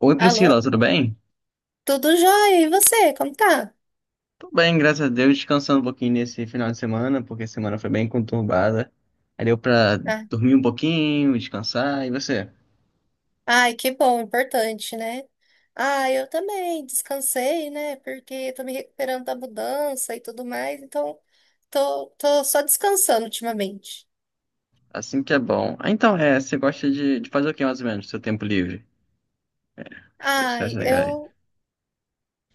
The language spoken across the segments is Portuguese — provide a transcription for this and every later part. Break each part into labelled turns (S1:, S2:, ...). S1: Oi Priscila,
S2: Alô?
S1: tudo bem?
S2: Tudo jóia? E você? Como tá?
S1: Tô bem, graças a Deus, descansando um pouquinho nesse final de semana, porque a semana foi bem conturbada. Aí deu pra
S2: Ah,
S1: dormir um pouquinho, descansar, e você?
S2: Ai, que bom, importante, né? Ah, eu também descansei, né? Porque tô me recuperando da mudança e tudo mais, então tô só descansando ultimamente.
S1: Assim que é bom. Ah, então, você gosta de fazer o que mais ou menos, no seu tempo livre? As coisas que você
S2: Ai,
S1: acha legal?
S2: eu,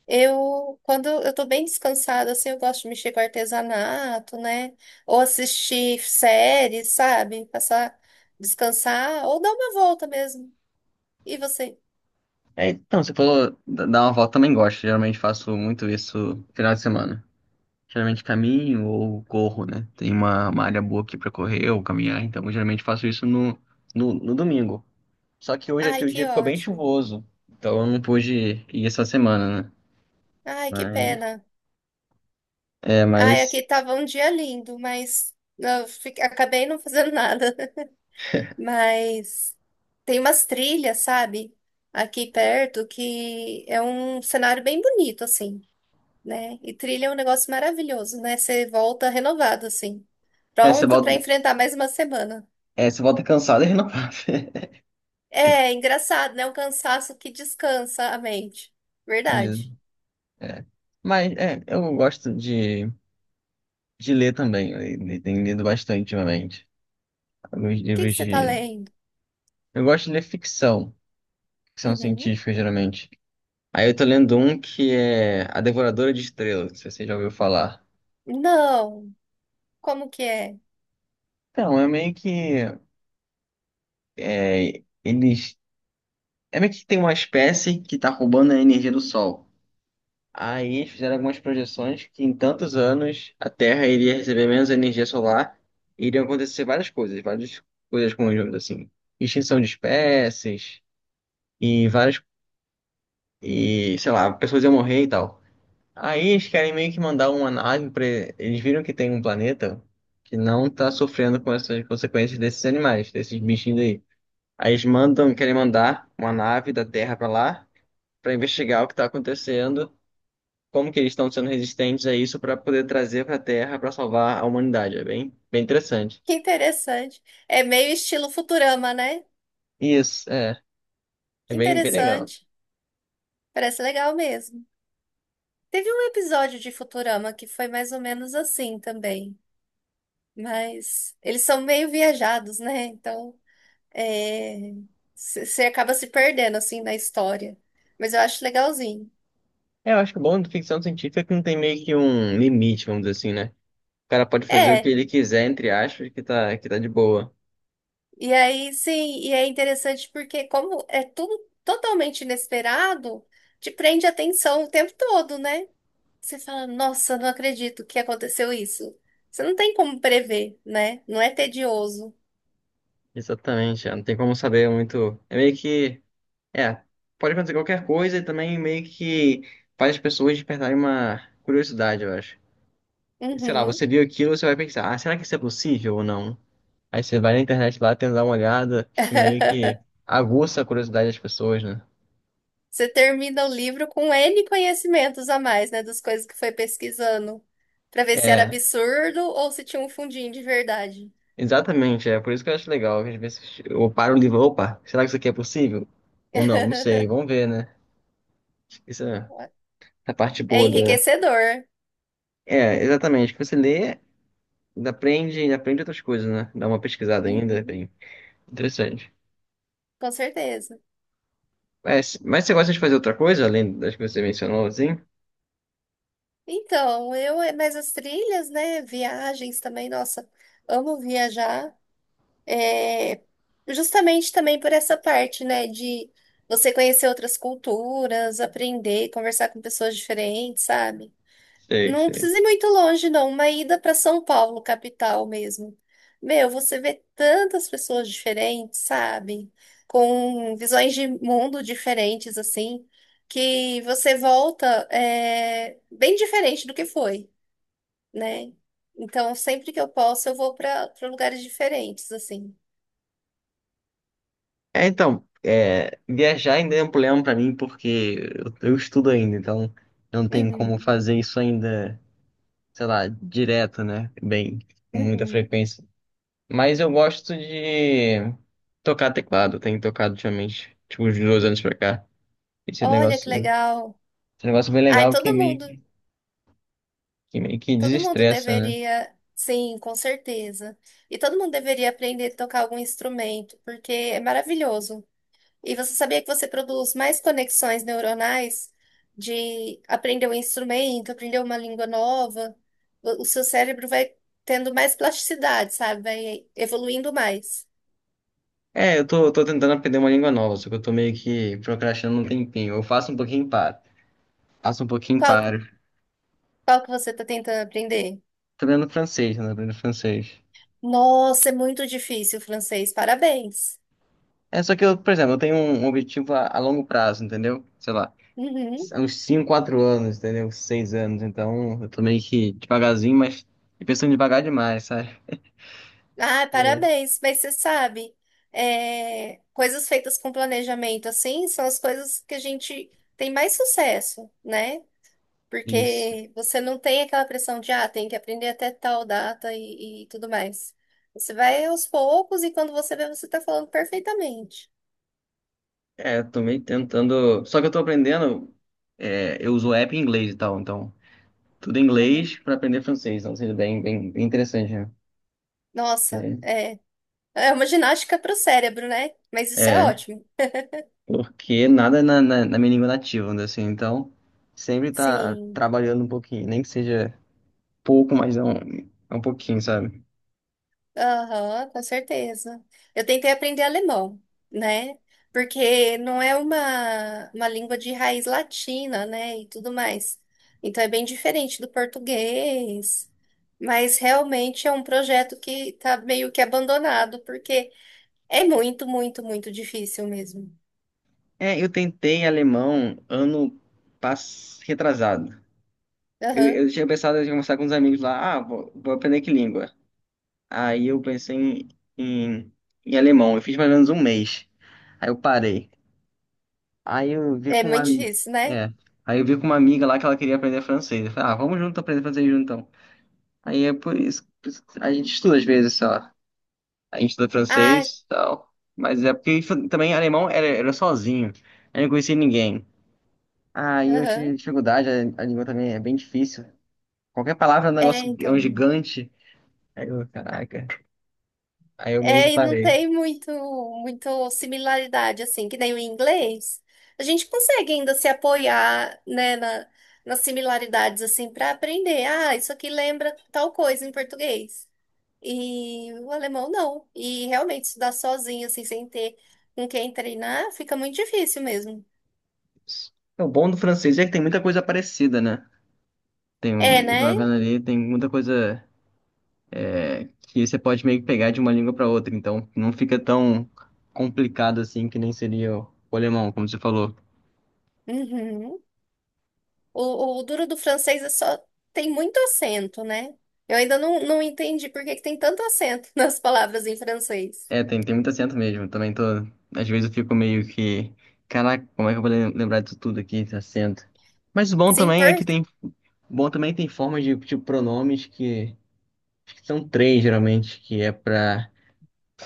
S2: eu, quando eu tô bem descansada, assim, eu gosto de mexer com artesanato, né? Ou assistir séries, sabe? Passar, descansar, ou dar uma volta mesmo. E você?
S1: É, então, você falou dar uma volta, também gosto, geralmente faço muito isso no final de semana. Geralmente caminho ou corro, né? Tem uma área boa aqui pra correr ou caminhar, então eu geralmente faço isso no domingo. Só que hoje aqui
S2: Ai,
S1: o
S2: que
S1: dia ficou bem
S2: ótimo.
S1: chuvoso. Então eu não pude ir essa semana, né?
S2: Ai, que
S1: Mas,
S2: pena.
S1: é,
S2: Ai,
S1: mas
S2: aqui tava um dia lindo, mas eu acabei não fazendo nada. Mas tem umas trilhas, sabe? Aqui perto, que é um cenário bem bonito, assim, né? E trilha é um negócio maravilhoso, né? Você volta renovado, assim,
S1: é, você
S2: pronto pra
S1: volta,
S2: enfrentar mais uma semana.
S1: você volta cansado e renovado.
S2: É engraçado, né? Um cansaço que descansa a mente.
S1: Isso,
S2: Verdade.
S1: é. Eu gosto de ler também. Tenho lido bastante ultimamente. Alguns
S2: O que que
S1: livros
S2: você tá
S1: de.
S2: lendo?
S1: Eu gosto de ler ficção, ficção
S2: Uhum.
S1: científica, geralmente. Aí eu tô lendo um que é A Devoradora de Estrelas, se você já ouviu falar.
S2: Não. Como que é?
S1: Então, é meio que. É, eles. É meio que tem uma espécie que está roubando a energia do Sol. Aí eles fizeram algumas projeções que em tantos anos a Terra iria receber menos energia solar e iriam acontecer várias coisas conjuntas, assim. Extinção de espécies e várias... E, sei lá, pessoas iam morrer e tal. Aí eles querem meio que mandar uma nave para... Eles viram que tem um planeta que não está sofrendo com essas consequências desses animais, desses bichinhos aí. Aí eles mandam, querem mandar uma nave da Terra para lá para investigar o que está acontecendo, como que eles estão sendo resistentes a isso para poder trazer para a Terra para salvar a humanidade. É bem, bem interessante.
S2: Que interessante. É meio estilo Futurama, né?
S1: Isso, é. É
S2: Que
S1: bem, bem legal.
S2: interessante. Parece legal mesmo. Teve um episódio de Futurama que foi mais ou menos assim também. Mas eles são meio viajados, né? Então, é... você acaba se perdendo, assim, na história. Mas eu acho legalzinho.
S1: É, eu acho que o bom de ficção científica é que não tem meio que um limite, vamos dizer assim, né? O cara pode fazer o que
S2: É,
S1: ele quiser, entre aspas, que tá de boa.
S2: e aí, sim, e é interessante porque como é tudo totalmente inesperado, te prende a atenção o tempo todo, né? Você fala, nossa, não acredito que aconteceu isso. Você não tem como prever, né? Não é tedioso.
S1: Exatamente, é, não tem como saber muito. É meio que. É, pode acontecer qualquer coisa e também meio que faz as pessoas despertarem uma curiosidade, eu acho. Sei lá,
S2: Uhum.
S1: você viu aquilo, você vai pensar, ah, será que isso é possível ou não? Aí você vai na internet lá, tenta dar uma olhada, fica meio que aguça a curiosidade das pessoas, né?
S2: Você termina o livro com N conhecimentos a mais, né? Das coisas que foi pesquisando, pra ver se era
S1: É,
S2: absurdo ou se tinha um fundinho de verdade.
S1: exatamente, é por isso que eu acho legal. Às vezes eu paro o livro, opa, será que isso aqui é possível? Ou não, não sei, vamos ver, né? Acho que isso é a parte
S2: É
S1: boa da.
S2: enriquecedor.
S1: É, exatamente, que você lê, aprende, aprende outras coisas, né? Dá uma pesquisada ainda, é
S2: Uhum,
S1: bem interessante.
S2: com certeza.
S1: Mas você gosta de fazer outra coisa, além das que você mencionou, assim?
S2: Mas as trilhas, né? Viagens também, nossa, amo viajar. É, justamente também por essa parte, né, de você conhecer outras culturas, aprender, conversar com pessoas diferentes, sabe?
S1: Sei,
S2: Não
S1: sei.
S2: precisa ir muito longe, não. Uma ida para São Paulo, capital mesmo. Meu, você vê tantas pessoas diferentes, sabe? Com visões de mundo diferentes, assim, que você volta é, bem diferente do que foi, né? Então, sempre que eu posso, eu vou para lugares diferentes, assim.
S1: É, então, é, viajar ainda é um problema pra mim porque eu estudo ainda, então não tem como
S2: Uhum.
S1: fazer isso ainda, sei lá, direto, né? Bem, com muita
S2: Uhum.
S1: frequência. Mas eu gosto de tocar teclado, eu tenho tocado ultimamente, tipo, uns 2 anos pra cá. Esse
S2: Olha que
S1: negócio,
S2: legal.
S1: esse negócio é bem
S2: Ai,
S1: legal que
S2: todo
S1: meio
S2: mundo,
S1: que, que meio que
S2: todo mundo
S1: desestressa, né?
S2: deveria, sim, com certeza. E todo mundo deveria aprender a tocar algum instrumento, porque é maravilhoso. E você sabia que você produz mais conexões neuronais de aprender um instrumento, aprender uma língua nova? O seu cérebro vai tendo mais plasticidade, sabe? Vai evoluindo mais.
S1: É, eu tô tentando aprender uma língua nova, só que eu tô meio que procrastinando um tempinho. Eu faço um pouquinho e paro. Faço um pouquinho e
S2: Qual, que-
S1: paro.
S2: qual que você está tentando aprender?
S1: Tô aprendendo francês, né? Aprendendo francês.
S2: Nossa, é muito difícil o francês. Parabéns.
S1: É só que eu, por exemplo, eu tenho um objetivo a longo prazo, entendeu? Sei lá,
S2: Uhum.
S1: uns 5, 4 anos, entendeu? 6 anos, então eu tô meio que devagarzinho, mas e pensando devagar demais, sabe?
S2: Ah,
S1: É.
S2: parabéns, mas você sabe, é, coisas feitas com planejamento assim são as coisas que a gente tem mais sucesso, né?
S1: Isso.
S2: Porque você não tem aquela pressão de, ah, tem que aprender até tal data e tudo mais. Você vai aos poucos e quando você vê, você tá falando perfeitamente.
S1: É, eu tô meio tentando. Só que eu tô aprendendo, é, eu uso app em inglês e tal, então tudo em
S2: Uhum.
S1: inglês pra aprender francês, então seria bem, bem, bem interessante, né?
S2: Nossa,
S1: É,
S2: é uma ginástica pro cérebro, né? Mas isso é
S1: é,
S2: ótimo.
S1: porque nada na minha língua nativa, né, assim, então sempre tá
S2: Sim.
S1: trabalhando um pouquinho, nem que seja pouco, mas é um pouquinho, sabe?
S2: Aham, com certeza. Eu tentei aprender alemão, né? Porque não é uma língua de raiz latina, né? E tudo mais. Então é bem diferente do português. Mas realmente é um projeto que tá meio que abandonado, porque é muito, muito, muito difícil mesmo.
S1: É, eu tentei alemão ano retrasado. Eu,
S2: Aham.
S1: eu tinha pensado em conversar com uns amigos lá, ah, vou aprender que língua. Aí eu pensei em, em alemão, eu fiz mais ou menos um mês. Aí eu parei. Aí eu vi
S2: É
S1: com uma,
S2: muito
S1: ami-
S2: difícil, né?
S1: é, Aí eu vi com uma amiga lá que ela queria aprender francês. Eu falei, ah, vamos junto aprender francês junto então. Aí é por isso que a gente estuda às vezes só. A gente estuda
S2: Ah,
S1: francês e tal. Mas é porque também alemão era sozinho. Eu não conhecia ninguém. Ah, e eu
S2: aham.
S1: tive dificuldade, a língua também é bem difícil. Qualquer palavra é um
S2: É,
S1: negócio, é um
S2: então.
S1: gigante. Aí eu, caraca. Aí eu meio que
S2: É, e não
S1: parei.
S2: tem muito, muito similaridade, assim, que nem o inglês. A gente consegue ainda se apoiar, né, nas similaridades, assim, para aprender. Ah, isso aqui lembra tal coisa em português. E o alemão não. E realmente estudar sozinho, assim, sem ter com quem treinar, fica muito difícil mesmo.
S1: O bom do francês é que tem muita coisa parecida, né?
S2: É,
S1: Eu
S2: né?
S1: vendo ali, tem muita coisa que você pode meio que pegar de uma língua para outra. Então não fica tão complicado assim que nem seria o alemão, como você falou.
S2: Uhum. O duro do francês é só tem muito acento, né? Eu ainda não entendi por que que tem tanto acento nas palavras em francês.
S1: É, tem, tem muito acento mesmo. Também tô. Às vezes eu fico meio que. Caraca, como é que eu vou lembrar disso tudo aqui, esse acento? Mas o bom
S2: Sim,
S1: também
S2: por...
S1: é que tem. Bom também tem formas de, tipo, pronomes que. Acho que são três, geralmente, que é pra.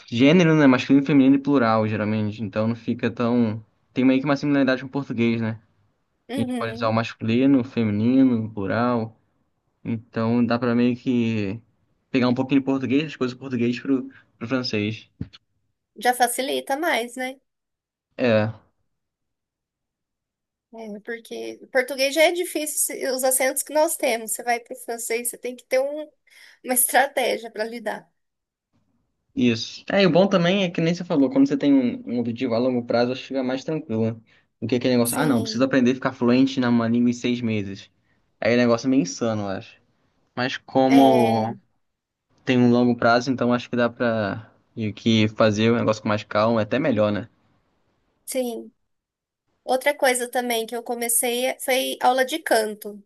S1: Gênero, né? Masculino, feminino e plural, geralmente. Então não fica tão. Tem meio que uma similaridade com o português, né? A gente pode usar o
S2: Uhum.
S1: masculino, o feminino, o plural. Então dá pra meio que. Pegar um pouquinho de português, as coisas do português pro francês.
S2: Já facilita mais, né?
S1: É.
S2: É, porque o português já é difícil os acentos que nós temos. Você vai para o francês, você tem que uma estratégia para lidar.
S1: Isso. É, e o bom também é que nem você falou, quando você tem um objetivo a longo prazo, acho que fica mais tranquilo, né? Do que aquele negócio, ah, não, preciso
S2: Sim,
S1: aprender a ficar fluente numa língua em 6 meses. Aí o negócio é meio insano, eu acho. Mas
S2: é,
S1: como tem um longo prazo, então acho que dá pra meio que fazer o negócio com mais calma, é até melhor, né?
S2: sim. Outra coisa também que eu comecei foi aula de canto,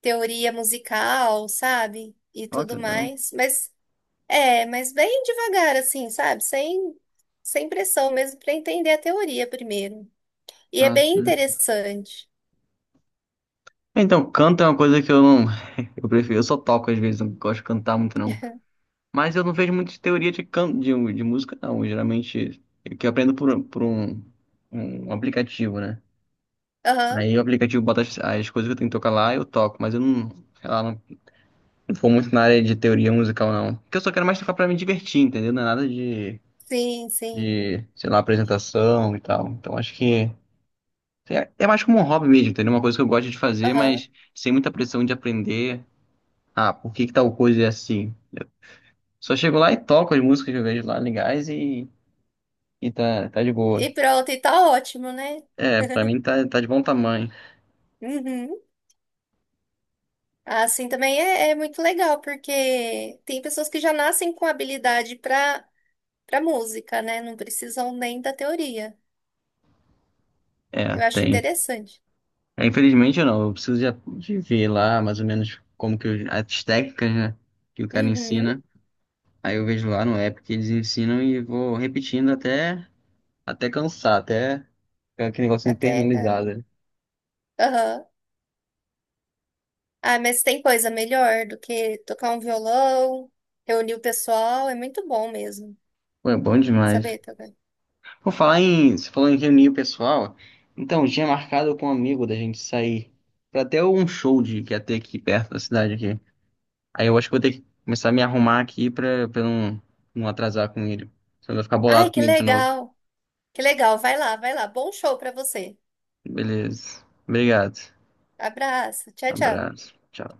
S2: teoria musical, sabe? E
S1: Ó, que
S2: tudo
S1: legal.
S2: mais. Mas é, mas bem devagar, assim, sabe? Sem pressão mesmo para entender a teoria primeiro. E é
S1: Ah,
S2: bem
S1: tá.
S2: interessante.
S1: Então, canto é uma coisa que eu não. Eu prefiro, eu só toco às vezes, não gosto de cantar muito, não. Mas eu não vejo muita teoria de música, não. Geralmente, eu que aprendo por um aplicativo, né?
S2: Aham.
S1: Aí o aplicativo bota as coisas que eu tenho que tocar lá e eu toco, mas eu não, sei lá, não, não vou muito na área de teoria musical, não. Porque eu só quero mais tocar pra me divertir, entendeu? Não é nada de,
S2: Sim, sim.
S1: de, sei lá, apresentação e tal. Então acho que é mais como um hobby mesmo, entendeu? Uma coisa que eu gosto de fazer,
S2: Aham.
S1: mas sem muita pressão de aprender. Ah, por que que tal coisa é assim? Só chego lá e toco as músicas que eu vejo lá legais e tá, tá de boa.
S2: E pronto, e tá ótimo, né?
S1: É, pra mim tá, tá de bom tamanho.
S2: Uhum. Assim também é muito legal, porque tem pessoas que já nascem com habilidade para música, né? Não precisam nem da teoria.
S1: É,
S2: Eu acho
S1: tem.
S2: interessante.
S1: É, infelizmente não, eu preciso já de ver lá mais ou menos como que as técnicas, né, que o cara
S2: Uhum.
S1: ensina. Aí eu vejo lá no app que eles ensinam e vou repetindo até cansar, até ficar aquele negócio
S2: Até. Ah,
S1: internalizado, né?
S2: Aham. Ah, mas tem coisa melhor do que tocar um violão, reunir o pessoal, é muito bom mesmo.
S1: Pô, é bom demais.
S2: Saber tocar.
S1: Vou falar em. Você falou em reunir o pessoal. Então, tinha marcado com um amigo da gente sair pra até um show de, que ia ter aqui perto da cidade aqui. Aí eu acho que vou ter que começar a me arrumar aqui pra eu não, não atrasar com ele. Senão ele vai ficar
S2: Ai,
S1: bolado
S2: que
S1: comigo de novo.
S2: legal! Que legal, vai lá, vai lá. Bom show para você.
S1: Beleza. Obrigado.
S2: Abraço, tchau, tchau.
S1: Abraço. Tchau.